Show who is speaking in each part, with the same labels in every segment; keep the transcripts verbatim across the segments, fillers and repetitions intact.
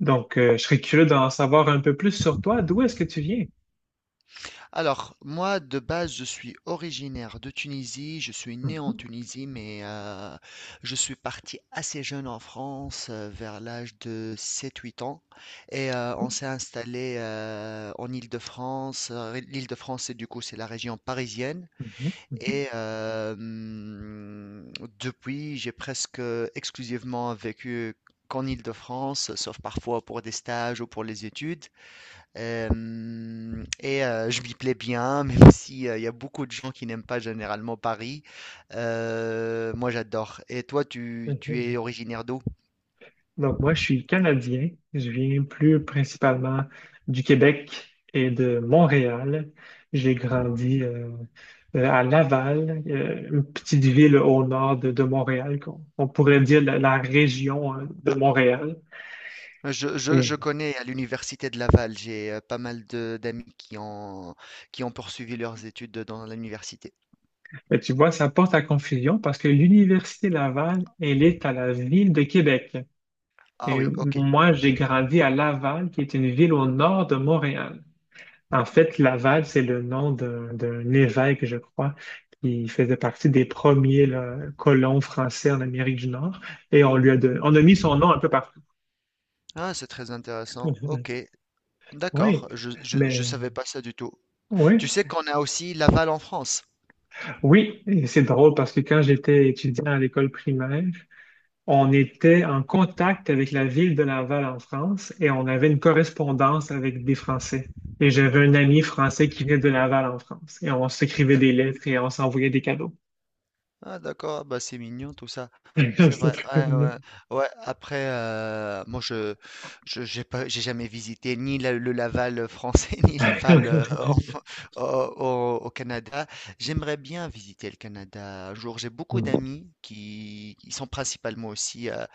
Speaker 1: Donc, euh, je serais curieux d'en savoir un peu plus sur toi. D'où est-ce que tu viens?
Speaker 2: Alors, moi, de base, je suis originaire de Tunisie. Je suis né en
Speaker 1: Mhm,
Speaker 2: Tunisie, mais euh, je suis parti assez jeune en France, euh, vers l'âge de sept-huit ans. Et euh, on s'est installé euh, en Île-de-France. Euh, L'Île-de-France, c'est du coup, c'est la région parisienne.
Speaker 1: mhm, mhm,
Speaker 2: Et euh, hum, Depuis, j'ai presque exclusivement vécu qu'en Île-de-France, sauf parfois pour des stages ou pour les études. Euh, et euh, je m'y plais bien, même si euh, il y a beaucoup de gens qui n'aiment pas généralement Paris. Euh, moi, j'adore. Et toi, tu, tu
Speaker 1: mhm.
Speaker 2: es originaire d'où?
Speaker 1: Donc, moi, je suis Canadien. Je viens plus principalement du Québec et de Montréal. J'ai grandi euh, euh, à Laval, euh, une petite ville au nord de, de Montréal, qu'on on pourrait dire la, la région, hein, de Montréal.
Speaker 2: Je, je- je
Speaker 1: Et,
Speaker 2: connais à l'université de Laval, j'ai euh, pas mal de d'amis qui ont, qui ont poursuivi leurs études dans l'université.
Speaker 1: mais tu vois, ça porte à confusion parce que l'Université Laval, elle est à la ville de Québec.
Speaker 2: Ah
Speaker 1: Et
Speaker 2: oui, ok.
Speaker 1: moi, j'ai grandi à Laval, qui est une ville au nord de Montréal. En fait, Laval, c'est le nom d'un d'un évêque, je crois, qui faisait partie des premiers là, colons français en Amérique du Nord. Et on lui a don- on a mis son nom un peu partout.
Speaker 2: Ah, c'est très intéressant. Ok,
Speaker 1: Oui,
Speaker 2: d'accord. Je, je, je
Speaker 1: mais
Speaker 2: savais pas ça du tout. Tu
Speaker 1: oui,
Speaker 2: sais qu'on a aussi Laval en France.
Speaker 1: oui, et c'est drôle parce que quand j'étais étudiant à l'école primaire, on était en contact avec la ville de Laval en France et on avait une correspondance avec des Français. Et j'avais un ami français qui venait de Laval en France. Et on s'écrivait des lettres et on s'envoyait des cadeaux.
Speaker 2: Ah d'accord, ah bah c'est mignon tout ça. C'est vrai.
Speaker 1: C'était très
Speaker 2: Ouais,
Speaker 1: mignon.
Speaker 2: ouais. Ouais, après euh, moi je je j'ai pas j'ai jamais visité ni la- le Laval français ni Laval euh, en- au, au- au Canada. J'aimerais bien visiter le Canada un jour. J'ai beaucoup d'amis qui ils sont principalement aussi euh,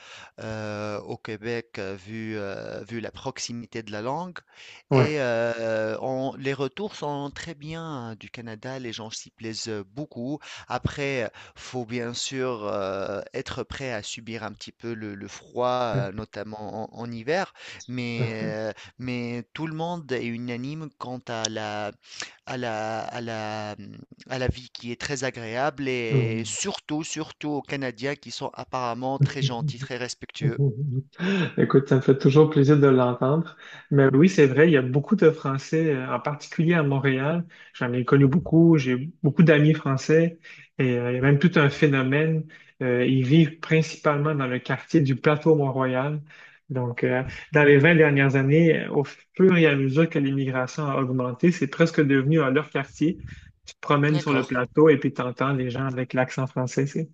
Speaker 2: euh, au Québec euh, vu euh, vu la proximité de la langue
Speaker 1: Ouais.
Speaker 2: et euh, on- les retours sont très bien hein, du Canada. Les gens s'y plaisent beaucoup. Après, faut bien sûr, heu, être prêt à subir un petit peu le le froid, heu, notamment en en hiver, mais, heu, mais tout le monde est unanime quant à la à la à la, mmh, à la vie qui est très agréable et
Speaker 1: Ouais.
Speaker 2: surtout, surtout aux Canadiens qui sont apparemment très gentils, très respectueux.
Speaker 1: Écoute, ça me fait toujours plaisir de l'entendre. Mais oui, c'est vrai, il y a beaucoup de Français, euh, en particulier à Montréal. J'en ai connu beaucoup, j'ai beaucoup d'amis français et euh, il y a même tout un phénomène. Euh, ils vivent principalement dans le quartier du plateau Mont-Royal. Donc, euh, Dans les vingt dernières années, au fur et à mesure que l'immigration a augmenté, c'est presque devenu euh, leur quartier. Tu te promènes sur le
Speaker 2: D'accord.
Speaker 1: plateau et puis tu entends les gens avec l'accent français. C'est,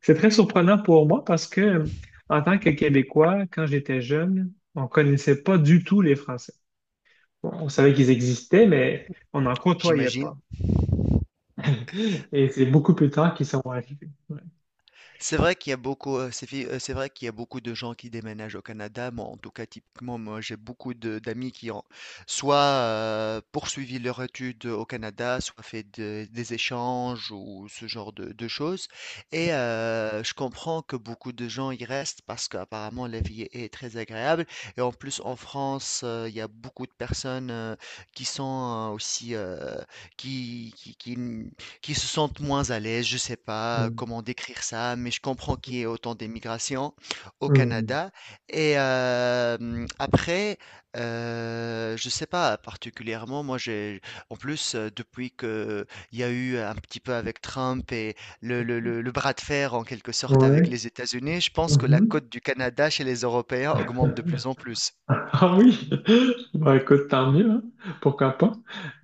Speaker 1: C'est très surprenant pour moi parce que, en tant que Québécois, quand j'étais jeune, on connaissait pas du tout les Français. Bon, on savait qu'ils existaient, mais on n'en côtoyait
Speaker 2: J'imagine.
Speaker 1: pas. Et c'est beaucoup plus tard qu'ils sont arrivés. Ouais.
Speaker 2: C'est vrai qu'il y a beaucoup, heu, c'est fi heu, c'est vrai qu'il y a beaucoup de gens qui déménagent au Canada. Moi, en tout cas, typiquement, moi, j'ai beaucoup de d'amis qui ont soit, heu, poursuivi leur étude au Canada, soit fait de des échanges ou ce genre de de choses et heu, je comprends que beaucoup de gens y restent parce qu'apparemment la vie est est très agréable et en plus, en France, heu, il y a beaucoup de personnes, heu, qui sont euh, aussi, heu, qui qui qui qui se sentent moins à l'aise, je ne sais pas euh,
Speaker 1: Mm.
Speaker 2: comment décrire ça, mais je comprends qu'il y ait autant d'émigration au
Speaker 1: Mm.
Speaker 2: Canada. Et euh, hum, après, euh, je ne sais pas particulièrement, moi j'ai, en plus, euh, depuis que il y a eu un petit peu avec Trump et le, le, le, le bras de fer en quelque sorte avec
Speaker 1: Ouais.
Speaker 2: les États-Unis, je pense que la
Speaker 1: Mhm.
Speaker 2: cote du Canada chez les Européens augmente de plus en plus.
Speaker 1: Ah oui, bah écoute, tant mieux, hein. Pourquoi pas.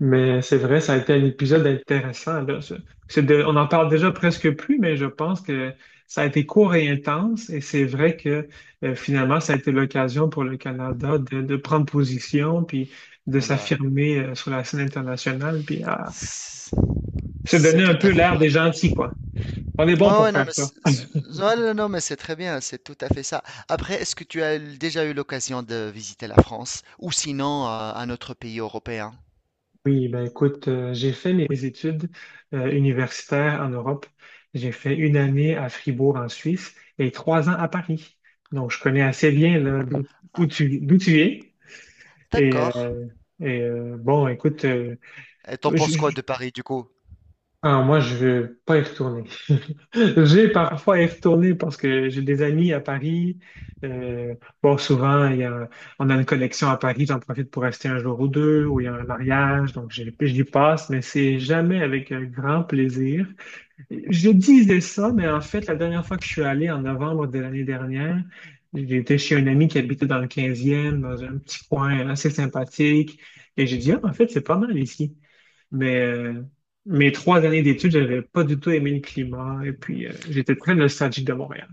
Speaker 1: Mais c'est vrai, ça a été un épisode intéressant, là. C'est- c'est de- on en parle déjà presque plus, mais je pense que ça a été court et intense, et c'est vrai que, euh, finalement, ça a été l'occasion pour le Canada de, de prendre position, puis de
Speaker 2: Voilà.
Speaker 1: s'affirmer euh, sur la scène internationale, puis à
Speaker 2: C'est
Speaker 1: se
Speaker 2: c'est
Speaker 1: donner un
Speaker 2: tout
Speaker 1: peu
Speaker 2: à fait
Speaker 1: l'air
Speaker 2: vrai.
Speaker 1: des gentils, quoi. On est bon
Speaker 2: Ouais,
Speaker 1: pour
Speaker 2: ouais, non,
Speaker 1: faire
Speaker 2: mais
Speaker 1: ça.
Speaker 2: c'est- c'est- non, non, non, mais c'est très bien, c'est tout à fait ça. Après, est-ce que tu as déjà eu l'occasion de visiter la France ou sinon euh, un autre pays européen?
Speaker 1: Oui, ben écoute, euh, j'ai fait mes études euh, universitaires en Europe. J'ai fait une année à Fribourg en Suisse et trois ans à Paris. Donc, je connais assez bien là, d'où d'où
Speaker 2: Ah,
Speaker 1: tu, d'où tu es. Et,
Speaker 2: d'accord.
Speaker 1: euh, et, euh, bon, écoute,
Speaker 2: Et t'en penses quoi de Paris du coup?
Speaker 1: ah, moi, je vais pas y retourner. J'ai parfois y retourné parce que j'ai des amis à Paris. Euh, bon, souvent, il y a, on a une collection à Paris, j'en profite pour rester un jour ou deux, ou il y a un mariage, donc j'y j'y passe, mais c'est jamais avec un grand plaisir. Je disais ça, mais en fait, la dernière fois que je suis allé en novembre de l'année dernière, j'étais chez un ami qui habitait dans le quinzième, dans un petit coin assez sympathique, et j'ai dit, ah, en fait, c'est pas mal ici. Mais euh, Mes trois années d'études, j'avais pas du tout aimé le climat et puis euh, j'étais très nostalgique de Montréal.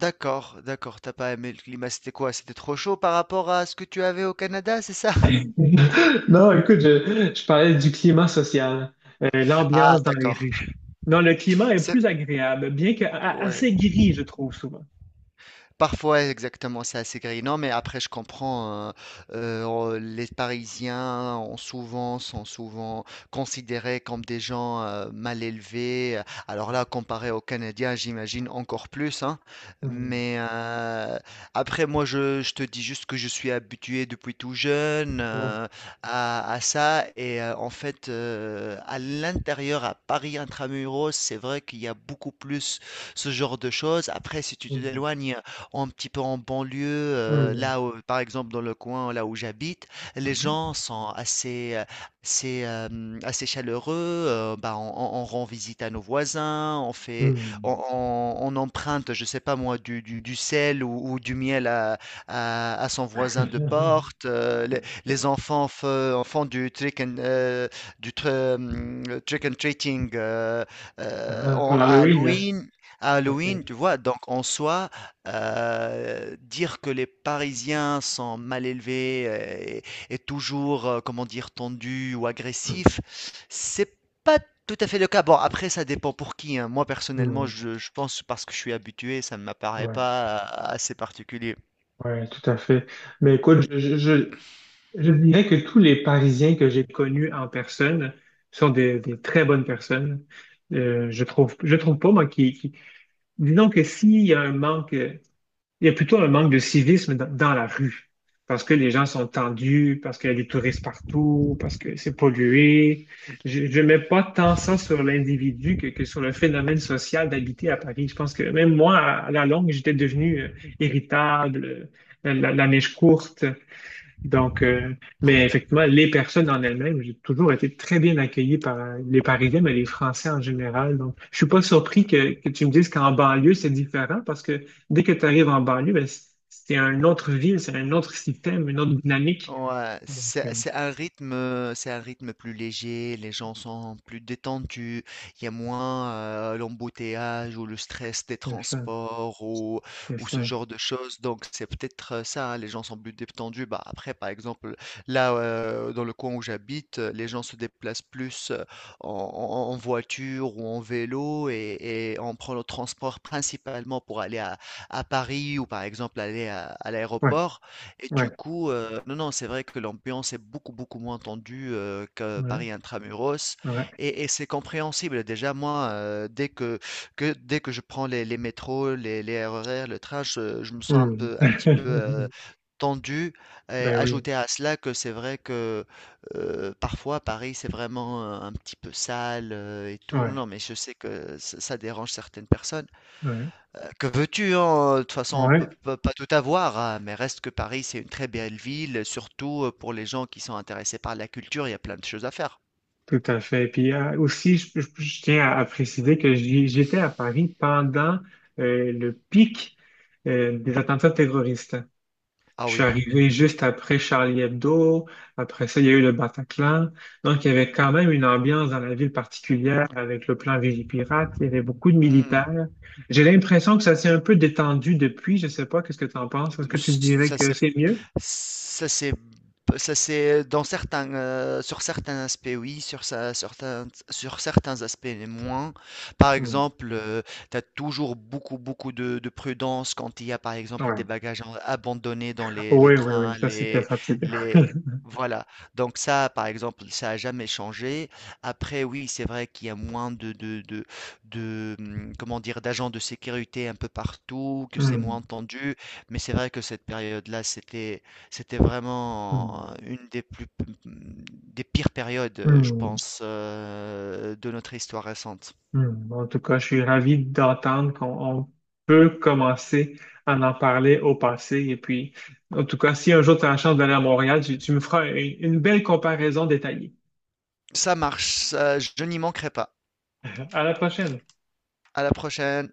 Speaker 2: D'accord, d'accord, t'as pas aimé le climat, c'était quoi? C'était trop chaud par rapport à ce que tu avais au Canada, c'est ça?
Speaker 1: Non, écoute, je, je parlais du climat social. Euh,
Speaker 2: Ah,
Speaker 1: l'ambiance dans les
Speaker 2: d'accord.
Speaker 1: rues. Non, le climat est plus
Speaker 2: C'est-
Speaker 1: agréable, bien que a-
Speaker 2: Ouais.
Speaker 1: assez gris, je trouve souvent.
Speaker 2: Parfois, exactement, c'est assez grisant, mais après, je comprends, hein, euh, on- les Parisiens ont souvent, sont souvent considérés comme des gens euh, mal élevés. euh, Alors là, comparé aux Canadiens, j'imagine encore plus, hein.
Speaker 1: Hmm,
Speaker 2: Mais euh, après, moi, je, je te dis juste que je suis habitué depuis tout jeune
Speaker 1: ouais.
Speaker 2: euh, à, à ça. Et euh, en fait, euh, à l'intérieur, à Paris intramuros, c'est vrai qu'il y a beaucoup plus ce genre de choses. Après, si tu
Speaker 1: Hmm,
Speaker 2: t'éloignes, un petit peu en banlieue, euh,
Speaker 1: hmm.
Speaker 2: là où- par exemple dans le coin là où j'habite, les gens sont assez, euh, assez, euh, hum, assez chaleureux. Euh, bah, on, on- on rend visite à nos voisins, on fait, on,
Speaker 1: Mhm.
Speaker 2: on- on emprunte, je sais pas moi, du, du, du sel ou, ou du miel à, à, à son voisin de
Speaker 1: Hmm.
Speaker 2: porte. euh, les, les enfants fe- font du trick and, euh, du tr- hum, trick and treating euh, euh,
Speaker 1: Ah, pour
Speaker 2: en- à
Speaker 1: l'Halloween, hein.
Speaker 2: Halloween. À
Speaker 1: Ok.
Speaker 2: Halloween, tu vois, donc en soi, euh, dire que les Parisiens sont mal élevés euh, et, et toujours, euh, comment dire, tendus ou
Speaker 1: Hmm,
Speaker 2: agressifs, c'est pas tout à fait le cas. Bon, après, ça dépend pour qui, hein. Moi, personnellement,
Speaker 1: hmm,
Speaker 2: je, je pense parce que je suis habitué, ça ne m'apparaît
Speaker 1: ouais,
Speaker 2: pas euh, assez particulier.
Speaker 1: ouais, tout à fait. Mais écoute, je, je, je- je dirais que tous les Parisiens que j'ai connus en personne sont des, des très bonnes personnes. Euh, je trouve, je trouve pas, moi, qui, qui... Disons que s'il y a un manque, euh, il y a plutôt un manque de civisme dans, dans la rue, parce que les gens sont tendus, parce qu'il y a des touristes partout, parce que c'est pollué. Je, je mets pas tant ça sur l'individu que, que sur le phénomène social d'habiter à Paris. Je pense que même moi, à, à la longue, j'étais devenu euh, irritable, euh, la, la la courte. Donc, euh, mais effectivement, les personnes en elles-mêmes, j'ai toujours été très bien accueilli par euh, les Parisiens, mais les Français en général. Donc, je suis pas surpris que, que tu me dises qu'en banlieue, c'est différent parce que dès que tu arrives en banlieue, ben, c- c'est une autre ville, c'est un autre système, une autre dynamique.
Speaker 2: Ouais,
Speaker 1: Donc, euh,
Speaker 2: c'est c'est un rythme, euh, c'est un rythme plus léger, les gens sont plus détendus, il y a moins euh, l'embouteillage ou le stress des
Speaker 1: c'est ça,
Speaker 2: transports ou,
Speaker 1: c'est
Speaker 2: ou ce
Speaker 1: ça.
Speaker 2: genre de choses. Donc c'est peut-être euh, ça, hein, les gens sont plus détendus. Bah, après, par exemple, là, euh, dans le coin où j'habite, euh, les gens se déplacent plus euh, en, en- en voiture ou en vélo et, et on prend le transport principalement pour aller à, à Paris ou par exemple aller à à
Speaker 1: Ouais,
Speaker 2: l'aéroport. Et
Speaker 1: ouais,
Speaker 2: du coup, euh, non, non, c'est vrai que l'ambiance est beaucoup, beaucoup moins tendue euh, que
Speaker 1: ouais,
Speaker 2: Paris intramuros.
Speaker 1: ouais.
Speaker 2: Et, et c'est compréhensible. Déjà, moi, euh, dès que, que, dès que je prends les, les métros, les, les R E R, le train, je, je me sens un
Speaker 1: Hmm.
Speaker 2: peu, un petit peu euh, tendu. Et
Speaker 1: Ben oui,
Speaker 2: ajouter à cela que c'est vrai que euh, parfois, Paris, c'est vraiment euh, un petit peu sale euh, et tout. Non,
Speaker 1: ouais,
Speaker 2: non, mais je sais que ça ça dérange certaines personnes.
Speaker 1: ouais,
Speaker 2: Heu, que veux-tu, hein? De toute façon, on peut
Speaker 1: ouais.
Speaker 2: peut pas tout avoir, hein, mais reste que Paris, c'est une très belle ville, surtout, heu, pour les gens qui sont intéressés par la culture, il y a plein de choses à faire.
Speaker 1: Tout à fait. Puis euh, aussi, je, je- je tiens à, à préciser que j'y- j'étais à Paris pendant euh, le pic euh, des attentats terroristes.
Speaker 2: Ah
Speaker 1: Je suis
Speaker 2: oui.
Speaker 1: arrivé juste après Charlie Hebdo. Après ça, il y a eu le Bataclan. Donc, il y avait quand même une ambiance dans la ville particulière avec le plan Vigipirate. Il y avait beaucoup de
Speaker 2: Mmh.
Speaker 1: militaires. J'ai l'impression que ça s'est un peu détendu depuis. Je sais pas, qu'est-ce que tu en penses? Est-ce que tu dirais
Speaker 2: ça,
Speaker 1: que
Speaker 2: c'est
Speaker 1: c'est mieux?
Speaker 2: Ça c'est ça c'est dans certains, heu, sur certains aspects oui, sur ça certains sur certains aspects les moins. Par
Speaker 1: Hmm.
Speaker 2: exemple, heu, tu as toujours beaucoup, beaucoup de de prudence quand il y a, par exemple, des
Speaker 1: Ouais.
Speaker 2: bagages en abandonnés dans les les
Speaker 1: Oui, oui,
Speaker 2: trains,
Speaker 1: oui. Ça, c'était
Speaker 2: les
Speaker 1: fatigant.
Speaker 2: les voilà. Donc ça, par exemple, ça a jamais changé. Après oui, c'est vrai qu'il y a moins de de de de, mmh, comment dire? D'agents de sécurité un peu partout, que c'est moins
Speaker 1: Hmm.
Speaker 2: tendu, mais c'est vrai que cette période-là, c'était c'était vraiment
Speaker 1: Hmm.
Speaker 2: une des plus mmh, des pires périodes, heu, je
Speaker 1: Hmm.
Speaker 2: pense, heu, de notre histoire récente.
Speaker 1: Hmm. En tout cas, je suis ravi d'entendre qu'on on peut commencer à en parler au passé. Et puis, en tout cas, si un jour tu as la chance d'aller à Montréal, tu, tu me feras une une belle comparaison détaillée.
Speaker 2: Ça marche, ça je n'y manquerai pas.
Speaker 1: À la prochaine.
Speaker 2: À la prochaine.